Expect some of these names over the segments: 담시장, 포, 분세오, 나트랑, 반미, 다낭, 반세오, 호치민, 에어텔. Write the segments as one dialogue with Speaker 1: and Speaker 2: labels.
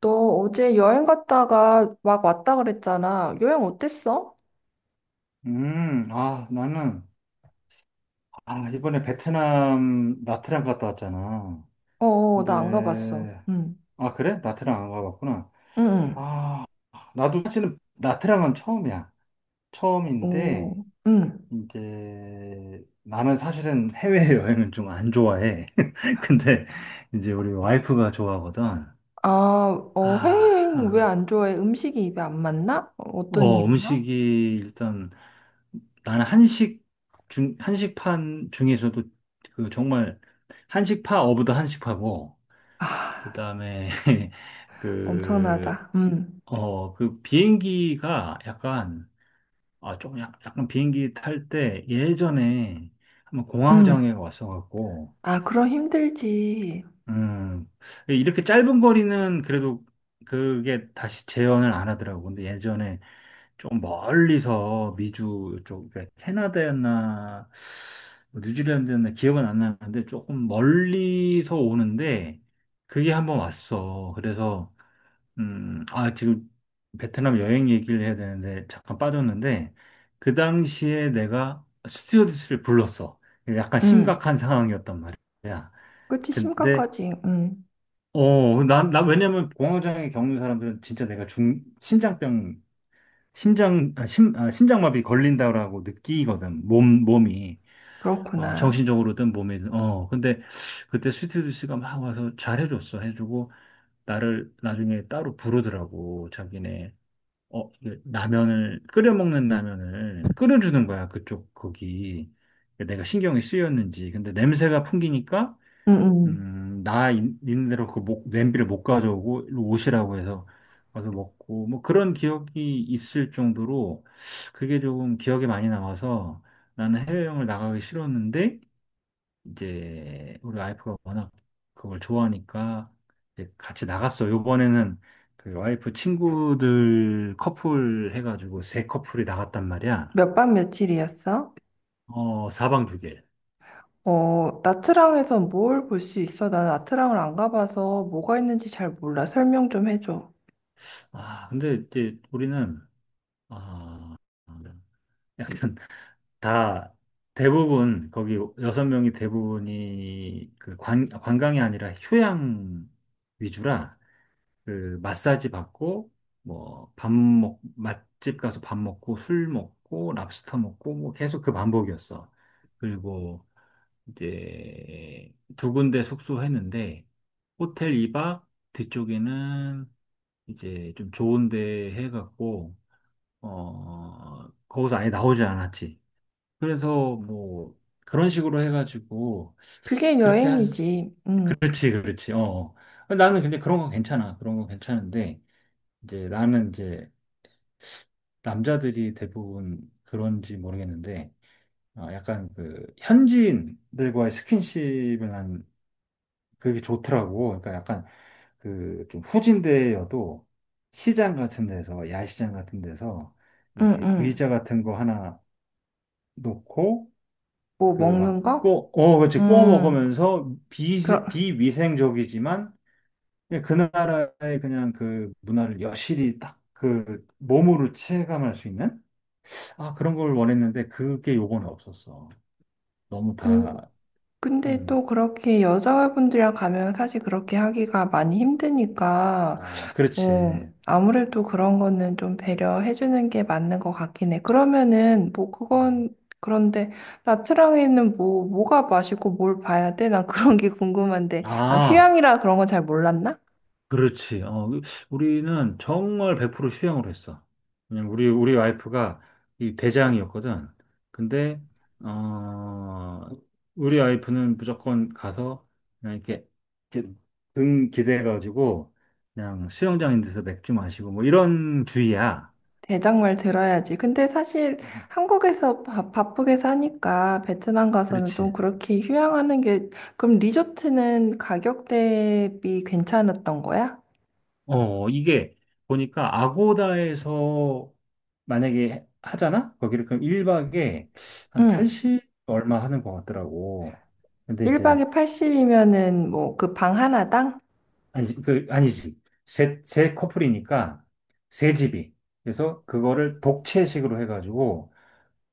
Speaker 1: 너 어제 여행 갔다가 막 왔다 그랬잖아. 여행 어땠어?
Speaker 2: 아, 나는, 아, 이번에 베트남 나트랑 갔다 왔잖아.
Speaker 1: 나 안 가봤어.
Speaker 2: 근데,
Speaker 1: 응,
Speaker 2: 아, 그래? 나트랑 안 가봤구나.
Speaker 1: 응,
Speaker 2: 아, 나도 사실은 나트랑은 처음이야.
Speaker 1: 응.
Speaker 2: 처음인데,
Speaker 1: 오, 응.
Speaker 2: 이제, 나는 사실은 해외여행은 좀 안 좋아해. 근데, 이제 우리 와이프가 좋아하거든.
Speaker 1: 아,
Speaker 2: 아,
Speaker 1: 해외여행 왜
Speaker 2: 아.
Speaker 1: 안 좋아해? 음식이 입에 안 맞나? 어떤 이유야?
Speaker 2: 음식이 일단 나는 한식판 중에서도 그 정말 한식파 어브 더 한식파고, 그
Speaker 1: 아,
Speaker 2: 다음에 그,
Speaker 1: 엄청나다. 응,
Speaker 2: 그 비행기가 약간, 아, 조금 약간 비행기 탈 때 예전에 한번
Speaker 1: 응.
Speaker 2: 공황장애가 왔어갖고,
Speaker 1: 아, 그럼 힘들지.
Speaker 2: 음, 이렇게 짧은 거리는 그래도 그게 다시 재현을 안 하더라고. 근데 예전에 좀 멀리서 미주 쪽, 그러니까 캐나다였나, 뭐 뉴질랜드였나 기억은 안 나는데 조금 멀리서 오는데 그게 한번 왔어. 그래서, 아, 지금 베트남 여행 얘기를 해야 되는데 잠깐 빠졌는데 그 당시에 내가 스튜어디스를 불렀어. 약간
Speaker 1: 응,
Speaker 2: 심각한 상황이었단 말이야.
Speaker 1: 그치,
Speaker 2: 근데
Speaker 1: 심각하지. 응,
Speaker 2: 왜냐면 공황장애 겪는 사람들은 진짜 내가 중, 심장병, 심장, 아, 심, 아, 심장마비 걸린다라고 느끼거든. 몸이.
Speaker 1: 그렇구나.
Speaker 2: 정신적으로든 몸이든. 근데 그때 스튜디오스가 막 와서 잘해줬어. 해주고, 나를 나중에 따로 부르더라고. 자기네, 이게 끓여먹는 라면을 끓여주는 거야. 그쪽, 거기. 내가 신경이 쓰였는지. 근데 냄새가 풍기니까,
Speaker 1: 응, 응.
Speaker 2: 나 있는 대로 그 냄비를 못 가져오고 일로 오시라고 해서 가서 먹고 뭐 그런 기억이 있을 정도로 그게 조금 기억에 많이 남아서 나는 해외여행을 나가기 싫었는데 이제 우리 와이프가 워낙 그걸 좋아하니까 이제 같이 나갔어. 요번에는 그 와이프 친구들 커플 해가지고 세 커플이 나갔단 말이야.
Speaker 1: 몇 박 며칠이었어?
Speaker 2: 사방 두 개.
Speaker 1: 나트랑에선 뭘 볼 수 있어? 나는 나트랑을 안 가봐서 뭐가 있는지 잘 몰라. 설명 좀 해줘.
Speaker 2: 아, 근데 이제 우리는 아, 약간 다 대부분 거기 여섯 명이 대부분이 그 관광이 아니라 휴양 위주라 그 마사지 받고 뭐 맛집 가서 밥 먹고 술 먹고 랍스터 먹고 뭐 계속 그 반복이었어. 그리고 이제 두 군데 숙소했는데 호텔 2박, 뒤쪽에는 이제 좀 좋은 데 해갖고 거기서 아예 나오지 않았지. 그래서 뭐 그런 식으로 해가지고
Speaker 1: 그게
Speaker 2: 그렇게 한
Speaker 1: 여행이지.
Speaker 2: 그렇지, 그렇지. 나는 근데 그런 건 괜찮아. 그런 건 괜찮은데 이제 나는 이제 남자들이 대부분 그런지 모르겠는데 약간 그 현지인들과의 스킨십을 난 그게 좋더라고. 그러니까 약간 그 좀 후진대여도 시장 같은 데서 야시장 같은 데서
Speaker 1: 응,
Speaker 2: 이렇게
Speaker 1: 응.
Speaker 2: 의자 같은 거 하나 놓고
Speaker 1: 뭐
Speaker 2: 그 막
Speaker 1: 먹는 거?
Speaker 2: 그렇지. 구워
Speaker 1: 음.
Speaker 2: 먹으면서
Speaker 1: 그럼,
Speaker 2: 비위생적이지만 그냥 그 나라의 그냥 그 문화를 여실히 딱 그 몸으로 체감할 수 있는, 아, 그런 걸 원했는데 그게 요거는 없었어. 너무
Speaker 1: 근,
Speaker 2: 다,
Speaker 1: 근데
Speaker 2: 음,
Speaker 1: 또 그렇게 여자분들이랑 가면 사실 그렇게 하기가 많이 힘드니까
Speaker 2: 아,
Speaker 1: 어,
Speaker 2: 그렇지.
Speaker 1: 아무래도 그런 거는 좀 배려해주는 게 맞는 것 같긴 해. 그러면은, 뭐,
Speaker 2: 음.
Speaker 1: 그건, 그런데, 나트랑에는 뭐, 뭐가 맛있고 뭘 봐야 돼? 난 그런 게 궁금한데. 아,
Speaker 2: 아,
Speaker 1: 휴양이라 그런 건 잘 몰랐나?
Speaker 2: 그렇지. 우리는 정말 100% 수영을 했어. 왜냐면 우리 와이프가 이 대장이었거든. 근데, 어, 우리 와이프는 무조건 가서 그냥 이렇게 등 기대가지고 그냥 수영장인 데서 맥주 마시고 뭐 이런 주의야.
Speaker 1: 대장말 들어야지. 근데 사실
Speaker 2: 어,
Speaker 1: 한국에서 바쁘게 사니까 베트남 가서는 좀
Speaker 2: 그렇지.
Speaker 1: 그렇게 휴양하는 게, 그럼 리조트는 가격 대비 괜찮았던 거야?
Speaker 2: 이게 보니까 아고다에서 만약에 하잖아? 거기를 그럼 1박에 한
Speaker 1: 응.
Speaker 2: 80 얼마 하는 것 같더라고. 근데 이제,
Speaker 1: 1박에 80이면은 뭐, 그 방 하나당?
Speaker 2: 아니지. 세 커플이니까 세 집이. 그래서 그거를 독채식으로 해가지고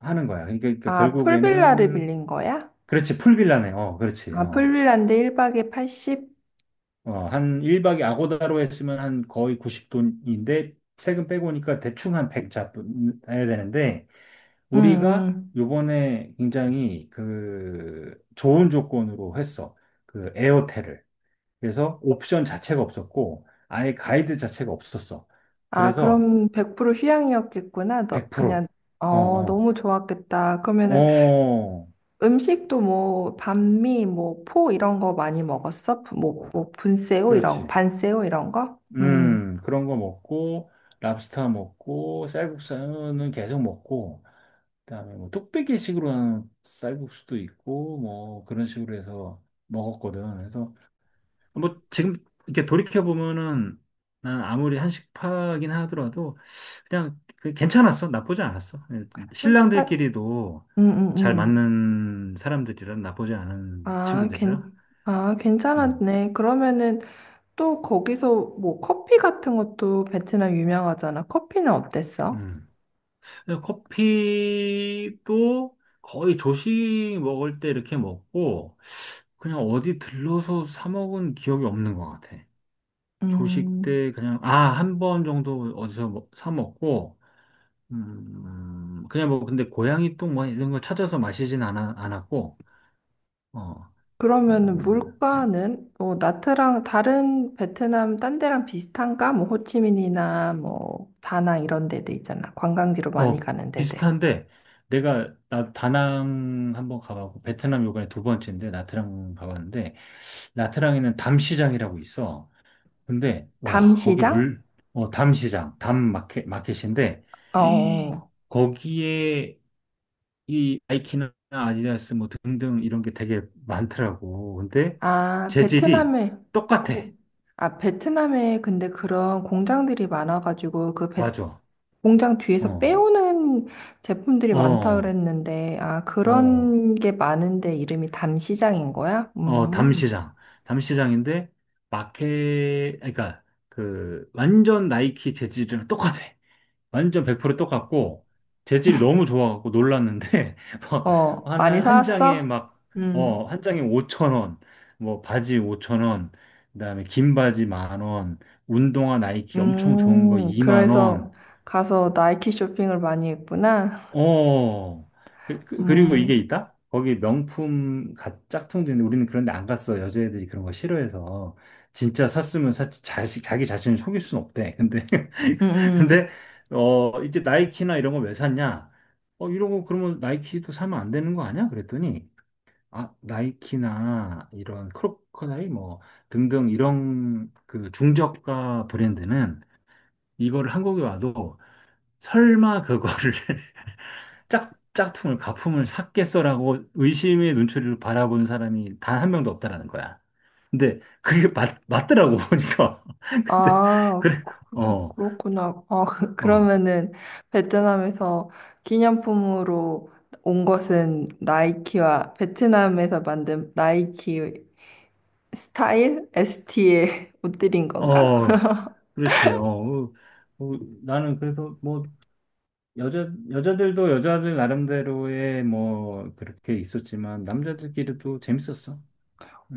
Speaker 2: 하는 거야. 그러니까
Speaker 1: 아, 풀빌라를
Speaker 2: 결국에는,
Speaker 1: 빌린 거야?
Speaker 2: 그렇지, 풀빌라네. 그렇지.
Speaker 1: 아, 풀빌라인데 1박에 80?
Speaker 2: 한 1박에 아고다로 했으면 한 거의 90돈인데, 세금 빼고 오니까 대충 한 100 잡아야 되는데,
Speaker 1: 응,
Speaker 2: 우리가
Speaker 1: 응.
Speaker 2: 요번에 굉장히 그 좋은 조건으로 했어. 그 에어텔을. 그래서 옵션 자체가 없었고, 아예 가이드 자체가 없었어.
Speaker 1: 아,
Speaker 2: 그래서
Speaker 1: 그럼 100% 휴양이었겠구나. 너,
Speaker 2: 100%.
Speaker 1: 그냥,
Speaker 2: 어, 어,
Speaker 1: 너무 좋았겠다. 그러면은
Speaker 2: 어,
Speaker 1: 음식도 뭐, 반미, 뭐, 포 이런 거 많이 먹었어? 뭐, 분세오 이런,
Speaker 2: 그렇지.
Speaker 1: 반세오 이런 거? 음.
Speaker 2: 그런 거 먹고, 랍스터 먹고, 쌀국수는 계속 먹고, 그다음에 뭐 뚝배기식으로 하는 쌀국수도 있고, 뭐 그런 식으로 해서 먹었거든. 그래서 뭐 지금 이렇게 돌이켜 보면은 난 아무리 한식파긴 하더라도 그냥 그 괜찮았어. 나쁘지 않았어.
Speaker 1: 음, 파-
Speaker 2: 신랑들끼리도
Speaker 1: 음, 음.
Speaker 2: 잘
Speaker 1: 음.
Speaker 2: 맞는 사람들이라, 나쁘지 않은 친구들이라.
Speaker 1: 아,
Speaker 2: 음.
Speaker 1: 괜찮았네. 그러면은 또 거기서 뭐, 커피 같은 것도 베트남 유명하잖아. 커피는 어땠어?
Speaker 2: 음. 커피도 거의 조식 먹을 때 이렇게 먹고 그냥 어디 들러서 사 먹은 기억이 없는 것 같아. 조식
Speaker 1: 음.
Speaker 2: 때 그냥 아, 한 번 정도 어디서 사 먹고, 그냥 뭐, 근데 고양이 똥 뭐 이런 걸 찾아서 않았고, 어,
Speaker 1: 그러면
Speaker 2: 음,
Speaker 1: 물가는 뭐 나트랑 다른 베트남 딴 데랑 비슷한가? 뭐 호치민이나 뭐 다낭 이런 데들 있잖아. 관광지로 많이
Speaker 2: 어,
Speaker 1: 가는 데들.
Speaker 2: 비슷한데, 나 다낭 한번 가봤고, 베트남 요번에 두 번째인데, 나트랑 가봤는데, 나트랑에는 담시장이라고 있어. 근데, 와,
Speaker 1: 담시장?
Speaker 2: 담시장, 담 마켓, 마켓인데,
Speaker 1: 어. 어. 어.
Speaker 2: 거기에 이 나이키나 아디다스 뭐 등등 이런 게 되게 많더라고. 근데,
Speaker 1: 아,
Speaker 2: 재질이
Speaker 1: 베트남에
Speaker 2: 똑같아.
Speaker 1: 공, 아, 베트남에 근데 그런 공장들이 많아가지고
Speaker 2: 맞아.
Speaker 1: 공장 뒤에서
Speaker 2: 어,
Speaker 1: 빼오는 제품들이
Speaker 2: 어,
Speaker 1: 많다
Speaker 2: 어,
Speaker 1: 그랬는데 아,
Speaker 2: 어,
Speaker 1: 그런 게 많은데 이름이 담시장인 거야? 음.
Speaker 2: 담시장. 담시장인데, 마켓, 그러니까, 완전 나이키 재질이랑 똑같아. 완전 100% 똑같고, 재질이 너무 좋아갖고 놀랐는데, 막,
Speaker 1: 어, 많이
Speaker 2: 한 장에
Speaker 1: 사왔어?
Speaker 2: 막,
Speaker 1: 음.
Speaker 2: 어, 한 장에 5천원, 뭐, 바지 5천원, 그다음에 긴 바지 10,000원, 운동화 나이키 엄청 좋은 거 2만원,
Speaker 1: 그래서 가서 나이키 쇼핑을 많이 했구나.
Speaker 2: 어, 그리고 이게
Speaker 1: 음,
Speaker 2: 있다? 거기 명품 짝퉁도 있는데 우리는 그런데 안 갔어. 여자애들이 그런 거 싫어해서. 진짜 샀으면 샀지. 자기 자신을 속일 순 없대. 근데,
Speaker 1: 음.
Speaker 2: 근데,
Speaker 1: 음.
Speaker 2: 이제 나이키나 이런 거 왜 샀냐? 이런 거 그러면 나이키도 사면 안 되는 거 아니야? 그랬더니, 아, 나이키나 이런 크로커다이 뭐 등등 이런 그 중저가 브랜드는 이거를 한국에 와도 설마 그거를 가품을 샀겠어라고 의심의 눈초리로 바라본 사람이 단 한 명도 없다라는 거야. 근데 그게 맞더라고, 보니까. 근데,
Speaker 1: 아,
Speaker 2: 그래, 어,
Speaker 1: 그렇구나. 아,
Speaker 2: 어,
Speaker 1: 그러면은 베트남에서 기념품으로 온 것은 나이키와 베트남에서 만든 나이키 스타일? ST의 옷들인 건가?
Speaker 2: 어, 그렇지. 나는 그래서 뭐, 여자들도 여자들 나름대로의 뭐, 그렇게 있었지만, 남자들끼리도 재밌었어.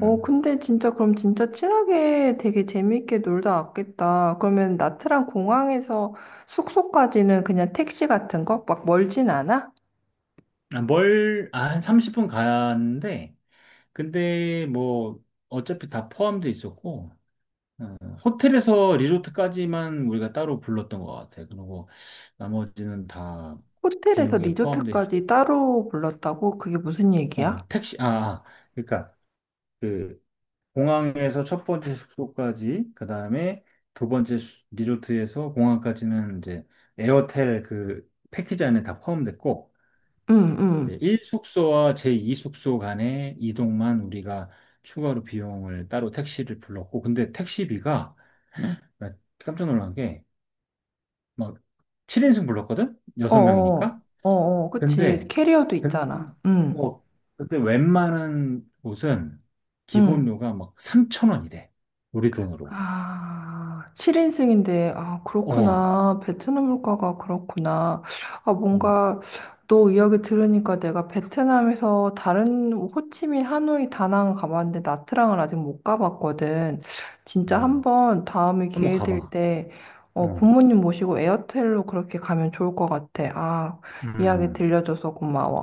Speaker 1: 근데 진짜 그럼 진짜 친하게 되게 재밌게 놀다 왔겠다. 그러면 나트랑 공항에서 숙소까지는 그냥 택시 같은 거? 막 멀진 않아?
Speaker 2: 아, 뭘, 아, 한 30분 가는데, 근데 뭐, 어차피 다 포함돼 있었고, 어, 호텔에서 리조트까지만 우리가 따로 불렀던 것 같아. 그리고 나머지는 다
Speaker 1: 호텔에서
Speaker 2: 비용에 포함돼 있어.
Speaker 1: 리조트까지 따로 불렀다고? 그게 무슨 얘기야?
Speaker 2: 어, 택시, 아, 아, 그러니까 그 공항에서 첫 번째 숙소까지, 그 다음에 두 번째 리조트에서 공항까지는 이제 에어텔 그 패키지 안에 다 포함됐고,
Speaker 1: 응,
Speaker 2: 일
Speaker 1: 응.
Speaker 2: 1숙소와 제2숙소 간의 이동만 우리가 추가로 비용을 따로 택시를 불렀고, 근데 택시비가 나 깜짝 놀란 게 막 7인승 불렀거든?
Speaker 1: 어어,
Speaker 2: 6명이니까?
Speaker 1: 어어, 그치.
Speaker 2: 근데,
Speaker 1: 캐리어도
Speaker 2: 근,
Speaker 1: 있잖아. 응,
Speaker 2: 어, 근데 웬만한 곳은
Speaker 1: 응.
Speaker 2: 기본료가 막 3천원이래, 우리 돈으로.
Speaker 1: 아, 7인승인데, 아,
Speaker 2: 어,
Speaker 1: 그렇구나. 베트남 물가가 그렇구나. 아,
Speaker 2: 어,
Speaker 1: 뭔가, 너 이야기 들으니까 내가 베트남에서 다른 호치민, 하노이, 다낭 가봤는데 나트랑은 아직 못 가봤거든. 진짜
Speaker 2: 음.
Speaker 1: 한번 다음에
Speaker 2: 한번
Speaker 1: 기회 될
Speaker 2: 가봐.
Speaker 1: 때, 부모님 모시고 에어텔로 그렇게 가면 좋을 것 같아. 아, 이야기 들려줘서 고마워.